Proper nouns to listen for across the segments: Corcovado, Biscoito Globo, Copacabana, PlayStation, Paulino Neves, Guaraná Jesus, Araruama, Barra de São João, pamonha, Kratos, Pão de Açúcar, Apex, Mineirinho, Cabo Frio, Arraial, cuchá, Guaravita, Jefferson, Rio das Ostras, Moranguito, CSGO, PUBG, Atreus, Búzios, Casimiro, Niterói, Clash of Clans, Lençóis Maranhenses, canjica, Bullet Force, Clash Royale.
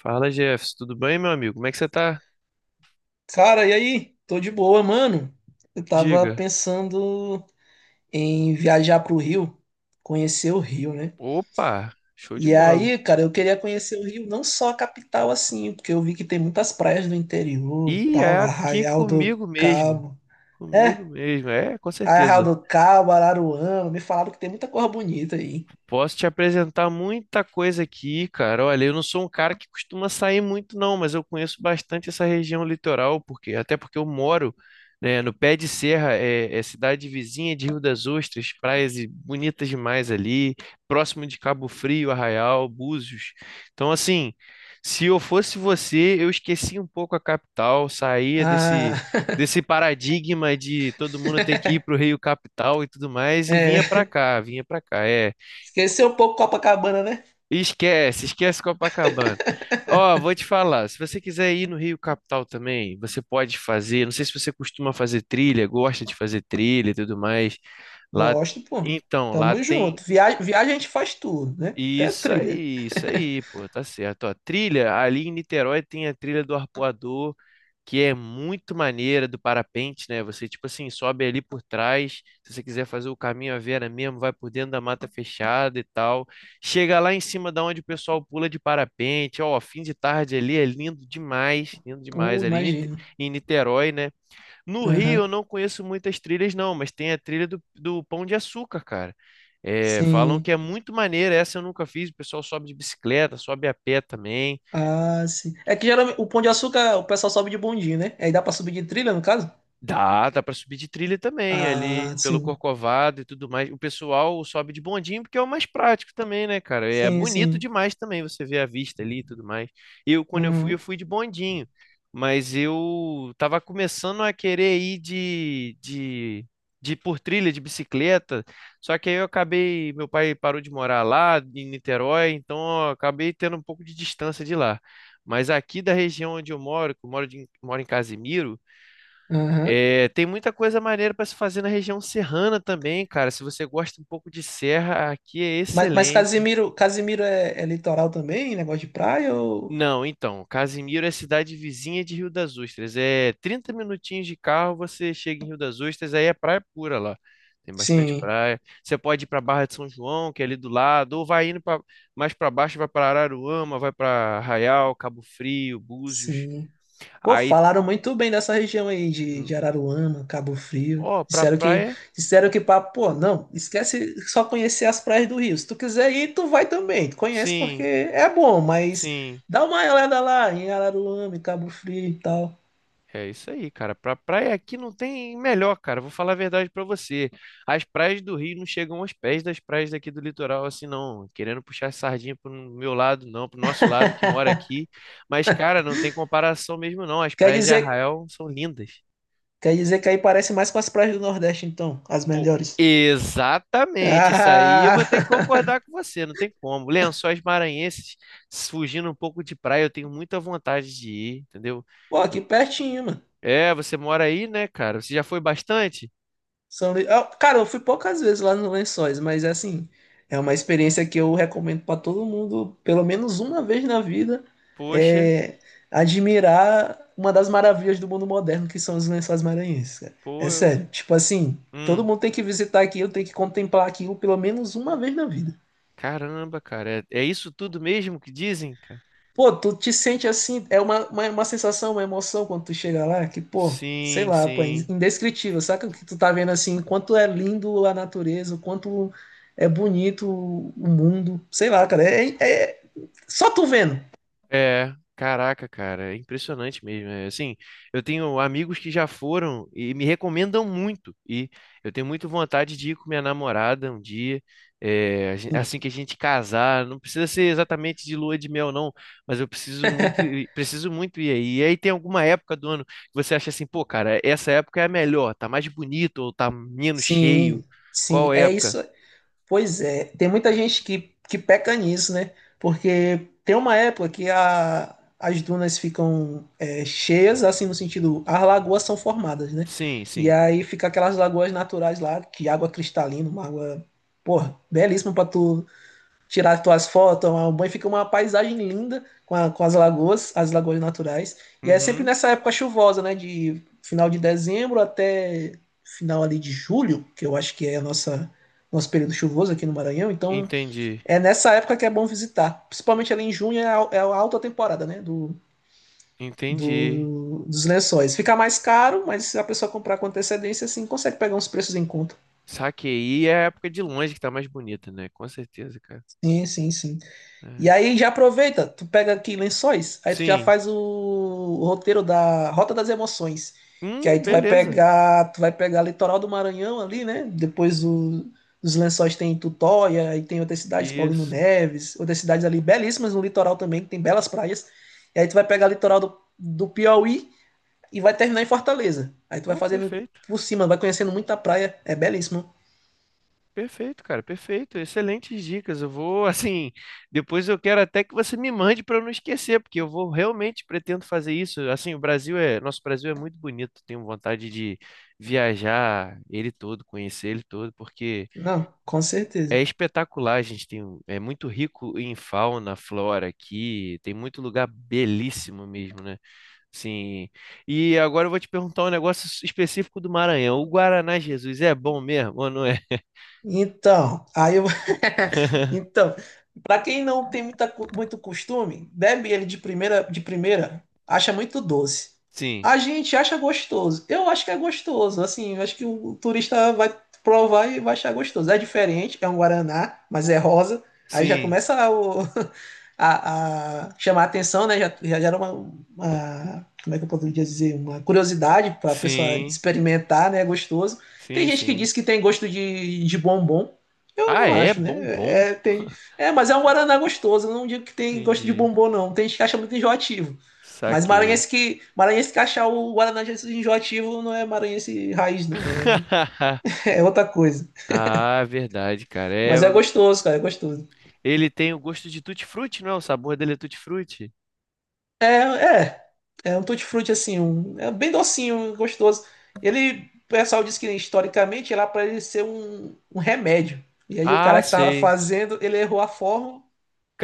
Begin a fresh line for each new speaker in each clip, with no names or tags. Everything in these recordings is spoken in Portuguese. Fala, Jefferson, tudo bem, meu amigo? Como é que você tá?
Cara, e aí? Tô de boa, mano. Eu tava
Diga.
pensando em viajar pro Rio, conhecer o Rio, né?
Opa, show de
E
bola.
aí, cara, eu queria conhecer o Rio, não só a capital assim, porque eu vi que tem muitas praias do interior e
E é
tal,
aqui
Arraial do
comigo mesmo.
Cabo.
Comigo
É,
mesmo, é, com
Arraial
certeza.
do Cabo, Araruama, me falaram que tem muita coisa bonita aí.
Posso te apresentar muita coisa aqui, cara. Olha, eu não sou um cara que costuma sair muito, não, mas eu conheço bastante essa região litoral, porque até porque eu moro, né, no pé de serra, é, é cidade vizinha de Rio das Ostras, bonitas demais ali, próximo de Cabo Frio, Arraial, Búzios. Então, assim, se eu fosse você, eu esquecia um pouco a capital, saía desse
Ah,
desse paradigma de todo mundo ter que ir para o Rio Capital e tudo mais, e vinha para
é.
cá, vinha para cá. É.
Esqueceu um pouco Copacabana, né?
Esquece Copacabana. Ó, vou te falar, se você quiser ir no Rio Capital também, você pode fazer. Não sei se você costuma fazer trilha, gosta de fazer trilha e tudo mais. Lá,
Gosto, pô.
então, lá
Tamo
tem
junto. Viagem a gente faz tudo, né? Até trilha.
isso aí, pô, tá certo. Ó, trilha, ali em Niterói tem a trilha do Arpoador, que é muito maneira do parapente, né? Você, tipo assim, sobe ali por trás. Se você quiser fazer o caminho à Vera mesmo, vai por dentro da mata fechada e tal. Chega lá em cima da onde o pessoal pula de parapente. Ó, fim de tarde ali é lindo demais, lindo demais.
Imagino.
Em Niterói, né? No Rio eu
Aham.
não conheço muitas trilhas, não, mas tem a trilha do Pão de Açúcar, cara. É, falam que
Sim.
é muito maneira, essa eu nunca fiz. O pessoal sobe de bicicleta, sobe a pé também.
Ah, sim. É que geralmente o Pão de Açúcar o pessoal sobe de bondinho, né? Aí dá pra subir de trilha, no caso?
Dá para subir de trilha também, ali
Ah,
pelo
sim.
Corcovado e tudo mais. O pessoal sobe de bondinho porque é o mais prático também, né, cara? É
Sim,
bonito
sim.
demais também você ver a vista ali e tudo mais. Eu, quando eu
Uhum.
fui de bondinho, mas eu tava começando a querer ir de por trilha de bicicleta, só que aí eu acabei, meu pai parou de morar lá em Niterói, então eu acabei tendo um pouco de distância de lá. Mas aqui da região onde eu moro, que eu moro, de, moro em Casimiro,
Aham.
é, tem muita coisa maneira para se fazer na região serrana também, cara. Se você gosta um pouco de serra, aqui é
Mas
excelente.
Casimiro, Casimiro é, é litoral também? Negócio de praia ou...
Não, então, Casimiro é cidade vizinha de Rio das Ostras. É 30 minutinhos de carro, você chega em Rio das Ostras, aí é praia pura lá. Tem bastante
Sim,
praia. Você pode ir para Barra de São João, que é ali do lado, ou vai indo pra, mais para baixo, vai para Araruama, vai para Arraial, Cabo Frio, Búzios.
sim. Pô,
Aí,
falaram muito bem dessa região aí de Araruama, Cabo Frio.
ó, para praia,
Pô, não, esquece só conhecer as praias do Rio. Se tu quiser ir, tu vai também. Tu conhece porque
sim,
é bom, mas
sim.
dá uma olhada lá em Araruama, em Cabo Frio e tal.
É isso aí, cara. Pra praia aqui não tem melhor, cara. Vou falar a verdade pra você. As praias do Rio não chegam aos pés das praias daqui do litoral, assim, não. Querendo puxar sardinha pro meu lado, não, pro nosso lado que mora aqui. Mas, cara, não tem comparação mesmo, não. As
Quer
praias de
dizer,
Arraial são lindas.
quer dizer que aí parece mais com as praias do Nordeste, então, as
Pô,
melhores.
exatamente. Isso aí eu vou ter que
Ah!
concordar com você, não tem como. Lençóis maranhenses, fugindo um pouco de praia, eu tenho muita vontade de ir, entendeu?
Pô,
Eu-
aqui pertinho, mano.
É, você mora aí, né, cara? Você já foi bastante?
São Luís. Ah, cara, eu fui poucas vezes lá nos Lençóis, mas é assim, é uma experiência que eu recomendo para todo mundo, pelo menos uma vez na vida,
Poxa,
é, admirar uma das maravilhas do mundo moderno que são os Lençóis Maranhenses, cara.
pô,
É
eu-
sério, tipo assim, todo
hum,
mundo tem que visitar aquilo, tem que contemplar aquilo pelo menos uma vez na vida.
caramba, cara, é, é isso tudo mesmo que dizem, cara?
Pô, tu te sente assim, é uma sensação, uma emoção quando tu chega lá, que, pô, sei
Sim,
lá, pô, é
sim.
indescritível, saca o que tu tá vendo assim, quanto é lindo a natureza, o quanto é bonito o mundo, sei lá, cara, só tu vendo.
É, caraca, cara, é impressionante mesmo. É, assim, eu tenho amigos que já foram e me recomendam muito. E eu tenho muita vontade de ir com minha namorada um dia, é, assim que a gente casar. Não precisa ser exatamente de lua de mel, não, mas eu preciso muito, preciso muito ir aí. E aí tem alguma época do ano que você acha assim, pô, cara, essa época é a melhor, tá mais bonito ou tá menos cheio?
Sim, sim,
Qual
é
época?
isso. Pois é, tem muita gente que peca nisso, né? Porque tem uma época que as dunas ficam é, cheias, assim, no sentido, as lagoas são formadas, né?
Sim,
E
sim.
aí fica aquelas lagoas naturais lá, que água cristalina, uma água, porra, belíssima pra tu tirar tuas fotos, tomar um banho, fica uma paisagem linda com, com as lagoas naturais. E é sempre
Uhum,
nessa época chuvosa, né? De final de dezembro até final ali de julho, que eu acho que é a nossa nosso período chuvoso aqui no Maranhão. Então
entendi,
é nessa época que é bom visitar, principalmente ali em junho é é a alta temporada, né?
entendi.
Dos lençóis. Fica mais caro, mas se a pessoa comprar com antecedência, assim, consegue pegar uns preços em conta.
Saquei, é a época de longe que tá mais bonita, né? Com certeza, cara.
Sim, sim, sim. E
É.
aí já aproveita, tu pega aqui Lençóis, aí tu já
Sim.
faz o roteiro da Rota das Emoções, que aí
Beleza.
tu vai pegar litoral do Maranhão ali, né? Os Lençóis tem Tutóia, aí tem outras cidades, Paulino
Isso.
Neves, outras cidades ali belíssimas no litoral também, que tem belas praias. E aí tu vai pegar litoral do Piauí e vai terminar em Fortaleza. Aí tu vai
Pô,
fazendo
perfeito.
por cima, vai conhecendo muita praia, é belíssimo.
Perfeito, cara. Perfeito. Excelentes dicas. Eu vou, assim, depois eu quero até que você me mande para eu não esquecer, porque eu vou realmente pretendo fazer isso. Assim, o Brasil é, nosso Brasil é muito bonito. Tenho vontade de viajar ele todo, conhecer ele todo, porque
Não, com certeza.
é espetacular. A gente tem, é muito rico em fauna, flora aqui. Tem muito lugar belíssimo mesmo, né? Sim. E agora eu vou te perguntar um negócio específico do Maranhão. O Guaraná Jesus é bom mesmo ou não é?
Então, aí eu Então, Para quem não tem muita muito costume, bebe ele de primeira, acha muito doce.
Sim,
A gente acha gostoso. Eu acho que é gostoso. Assim, eu acho que o turista vai provar e vai achar gostoso. É diferente, é um guaraná, mas é rosa. Aí já
sim,
começa o- A chamar a atenção, né? Já era como é que eu poderia dizer? Uma curiosidade para a pessoa
sim,
experimentar, né? É gostoso. Tem
sim,
gente que
sim.
diz que tem gosto de bombom. Eu
Ah,
não
é
acho, né?
bom, bom.
É, tem... é, mas é um guaraná gostoso. Eu não digo que tem gosto de
Entendi.
bombom, não. Tem gente que acha muito enjoativo.
Saquei.
Maranhense que achar o Guaraná de Jesus enjoativo não é maranhense raiz, não. É, é outra coisa.
Ah, verdade, cara.
Mas é gostoso, cara. É gostoso.
Ele tem o gosto de tutti-frutti, não é? O sabor dele é tutti-frutti.
É, é. É um tutti-frutti, assim. Um... É bem docinho, gostoso. Ele, o pessoal diz que historicamente era para ele ser um remédio. E aí o
Ah,
cara que tava
sei.
fazendo, ele errou a forma.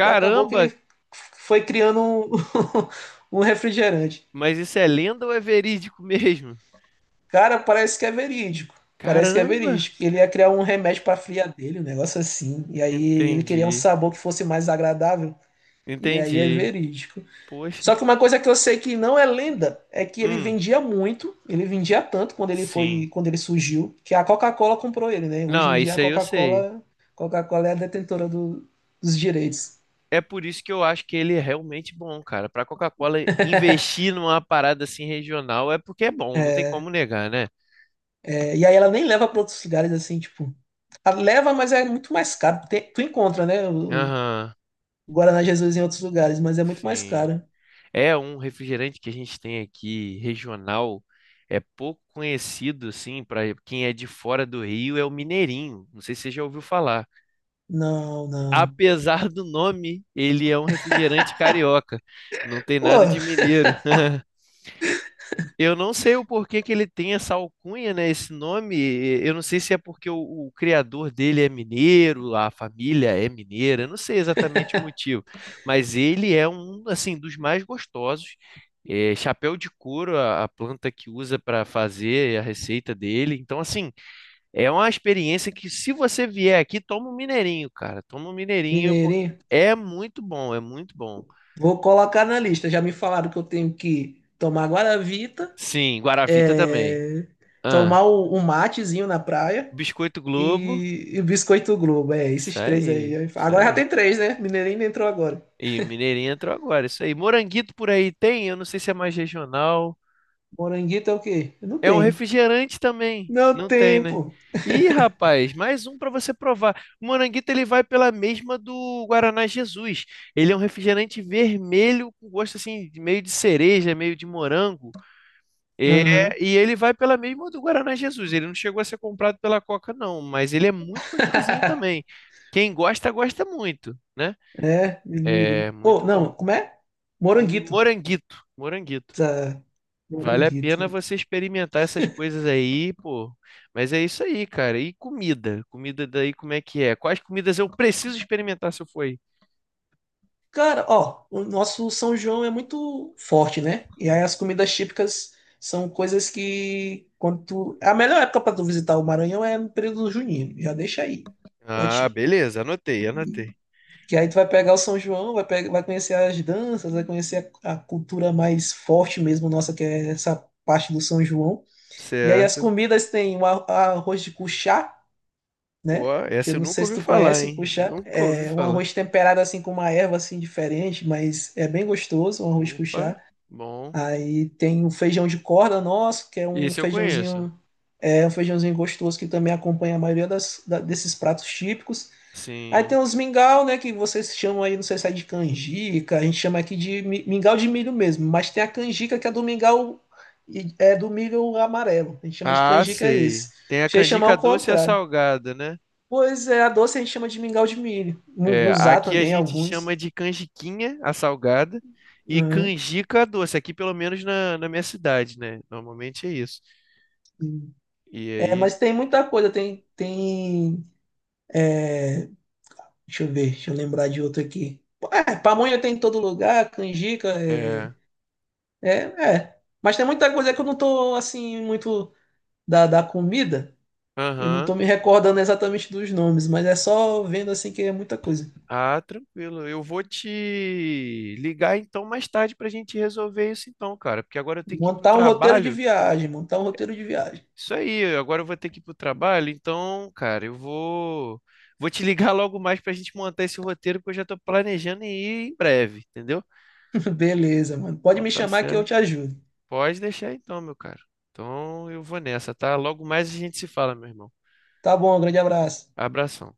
E acabou que ele foi criando um, um refrigerante.
mas isso é lenda ou é verídico mesmo?
Cara, parece que é verídico. Parece que é
Caramba.
verídico. Ele ia criar um remédio para a fria dele, um negócio assim. E aí ele queria um
Entendi,
sabor que fosse mais agradável. E aí é
entendi.
verídico.
Poxa.
Só que uma coisa que eu sei que não é lenda é que ele
Hum,
vendia muito, ele vendia tanto
sim.
quando ele surgiu, que a Coca-Cola comprou ele, né? Hoje
Não,
em dia a
isso aí eu sei.
Coca-Cola, Coca-Cola é a detentora dos direitos.
É por isso que eu acho que ele é realmente bom, cara. Pra Coca-Cola investir numa parada assim regional é porque é bom, não tem como negar, né?
E aí ela nem leva para outros lugares assim, tipo. A leva, mas é muito mais caro. Tu encontra, né?
Aham,
O Guaraná Jesus em outros lugares, mas é muito mais
sim.
caro.
É um refrigerante que a gente tem aqui regional, é pouco conhecido assim pra quem é de fora do Rio, é o Mineirinho. Não sei se você já ouviu falar.
Não, não.
Apesar do nome, ele é um refrigerante carioca. Não tem
Pô,
nada de mineiro. Eu não sei o porquê que ele tem essa alcunha, né? Esse nome. Eu não sei se é porque o criador dele é mineiro, a família é mineira. Eu não sei exatamente o motivo, mas ele é um assim dos mais gostosos. É, chapéu de couro, a planta que usa para fazer a receita dele. Então, assim, é uma experiência que se você vier aqui, toma um mineirinho, cara. Toma um mineirinho porque
mineirinho,
é muito bom, é muito bom.
vou colocar na lista. Já me falaram que eu tenho que tomar Guaravita,
Sim, Guaravita também.
é,
Ah,
tomar um matezinho na praia
Biscoito Globo.
e o Biscoito Globo. É,
Isso
esses três aí.
aí, isso
Agora já
aí.
tem três, né? Mineirinho entrou agora.
E Mineirinho entrou agora, isso aí. Moranguito por aí tem? Eu não sei se é mais regional.
Moranguito é o quê? Não
É um
tem.
refrigerante também.
Não
Não tem,
tem,
né?
pô.
Ih, rapaz, mais um para você provar. O Moranguito ele vai pela mesma do Guaraná Jesus. Ele é um refrigerante vermelho com gosto assim, meio de cereja, meio de morango. É,
Aham.
e ele vai pela mesma do Guaraná Jesus. Ele não chegou a ser comprado pela Coca, não, mas ele é muito gostosinho também. Quem gosta, gosta muito, né?
É,
É
Mineirinho. Oh,
muito
não,
bom.
como é? Moranguito.
Moranguito, moranguito.
Tá.
Vale a pena
Moranguito.
você experimentar essas coisas aí, pô. Mas é isso aí, cara. E comida? Comida daí, como é que é? Quais comidas eu preciso experimentar se eu for aí?
Cara, ó, o nosso São João é muito forte, né? E aí as comidas típicas são coisas que quando tu... A melhor época pra tu visitar o Maranhão é no período junino. Já deixa aí pra
Ah,
ti.
beleza, anotei, anotei.
Que aí tu vai pegar o São João, vai conhecer as danças, vai conhecer a cultura mais forte mesmo nossa, que é essa parte do São João. E aí as
Certo.
comidas tem o arroz de cuchá,
Ó,
né? Que eu
essa eu
não
nunca
sei se
ouvi
tu
falar,
conhece o
hein?
cuchá.
Nunca ouvi
É um
falar.
arroz temperado assim com uma erva assim diferente, mas é bem gostoso, um arroz
Opa,
cuchá.
bom.
Aí tem o feijão de corda nosso, que
Esse eu conheço.
é um feijãozinho gostoso que também acompanha a maioria das, desses pratos típicos. Aí
Sim.
tem os mingau, né, que vocês chamam aí, não sei se é de canjica, a gente chama aqui de mingau de milho mesmo, mas tem a canjica que é do mingau, é do milho amarelo, a gente chama de
Ah,
canjica esse.
sei. Tem a
Achei chamar
canjica
o
doce e a
contrário.
salgada, né?
Pois é, a doce a gente chama de mingau de milho.
É,
Mungunzá
aqui a
também,
gente
alguns.
chama de canjiquinha, a salgada, e
Uhum.
canjica a doce, aqui pelo menos na, na minha cidade, né? Normalmente é isso. E
É,
aí,
mas tem muita coisa, é, deixa eu ver, deixa eu lembrar de outro aqui. É, pamonha tem em todo lugar, canjica,
é,
é, é. Mas tem muita coisa que eu não tô, assim, muito da comida, eu não tô
aham.
me recordando exatamente dos nomes, mas é só vendo, assim, que é muita coisa.
Ah, tranquilo. Eu vou te ligar então mais tarde pra gente resolver isso então, cara, porque agora eu tenho que ir pro
Montar um roteiro de
trabalho.
viagem, montar um roteiro de viagem.
Isso aí, agora eu vou ter que ir pro trabalho, então, cara, eu vou te ligar logo mais pra gente montar esse roteiro, porque eu já tô planejando em ir em breve, entendeu?
Beleza, mano, pode
Então
me
tá
chamar que eu te
certo.
ajudo.
Pode deixar então, meu caro. Então eu vou nessa, tá? Logo mais a gente se fala, meu irmão.
Tá bom, grande abraço.
Abração.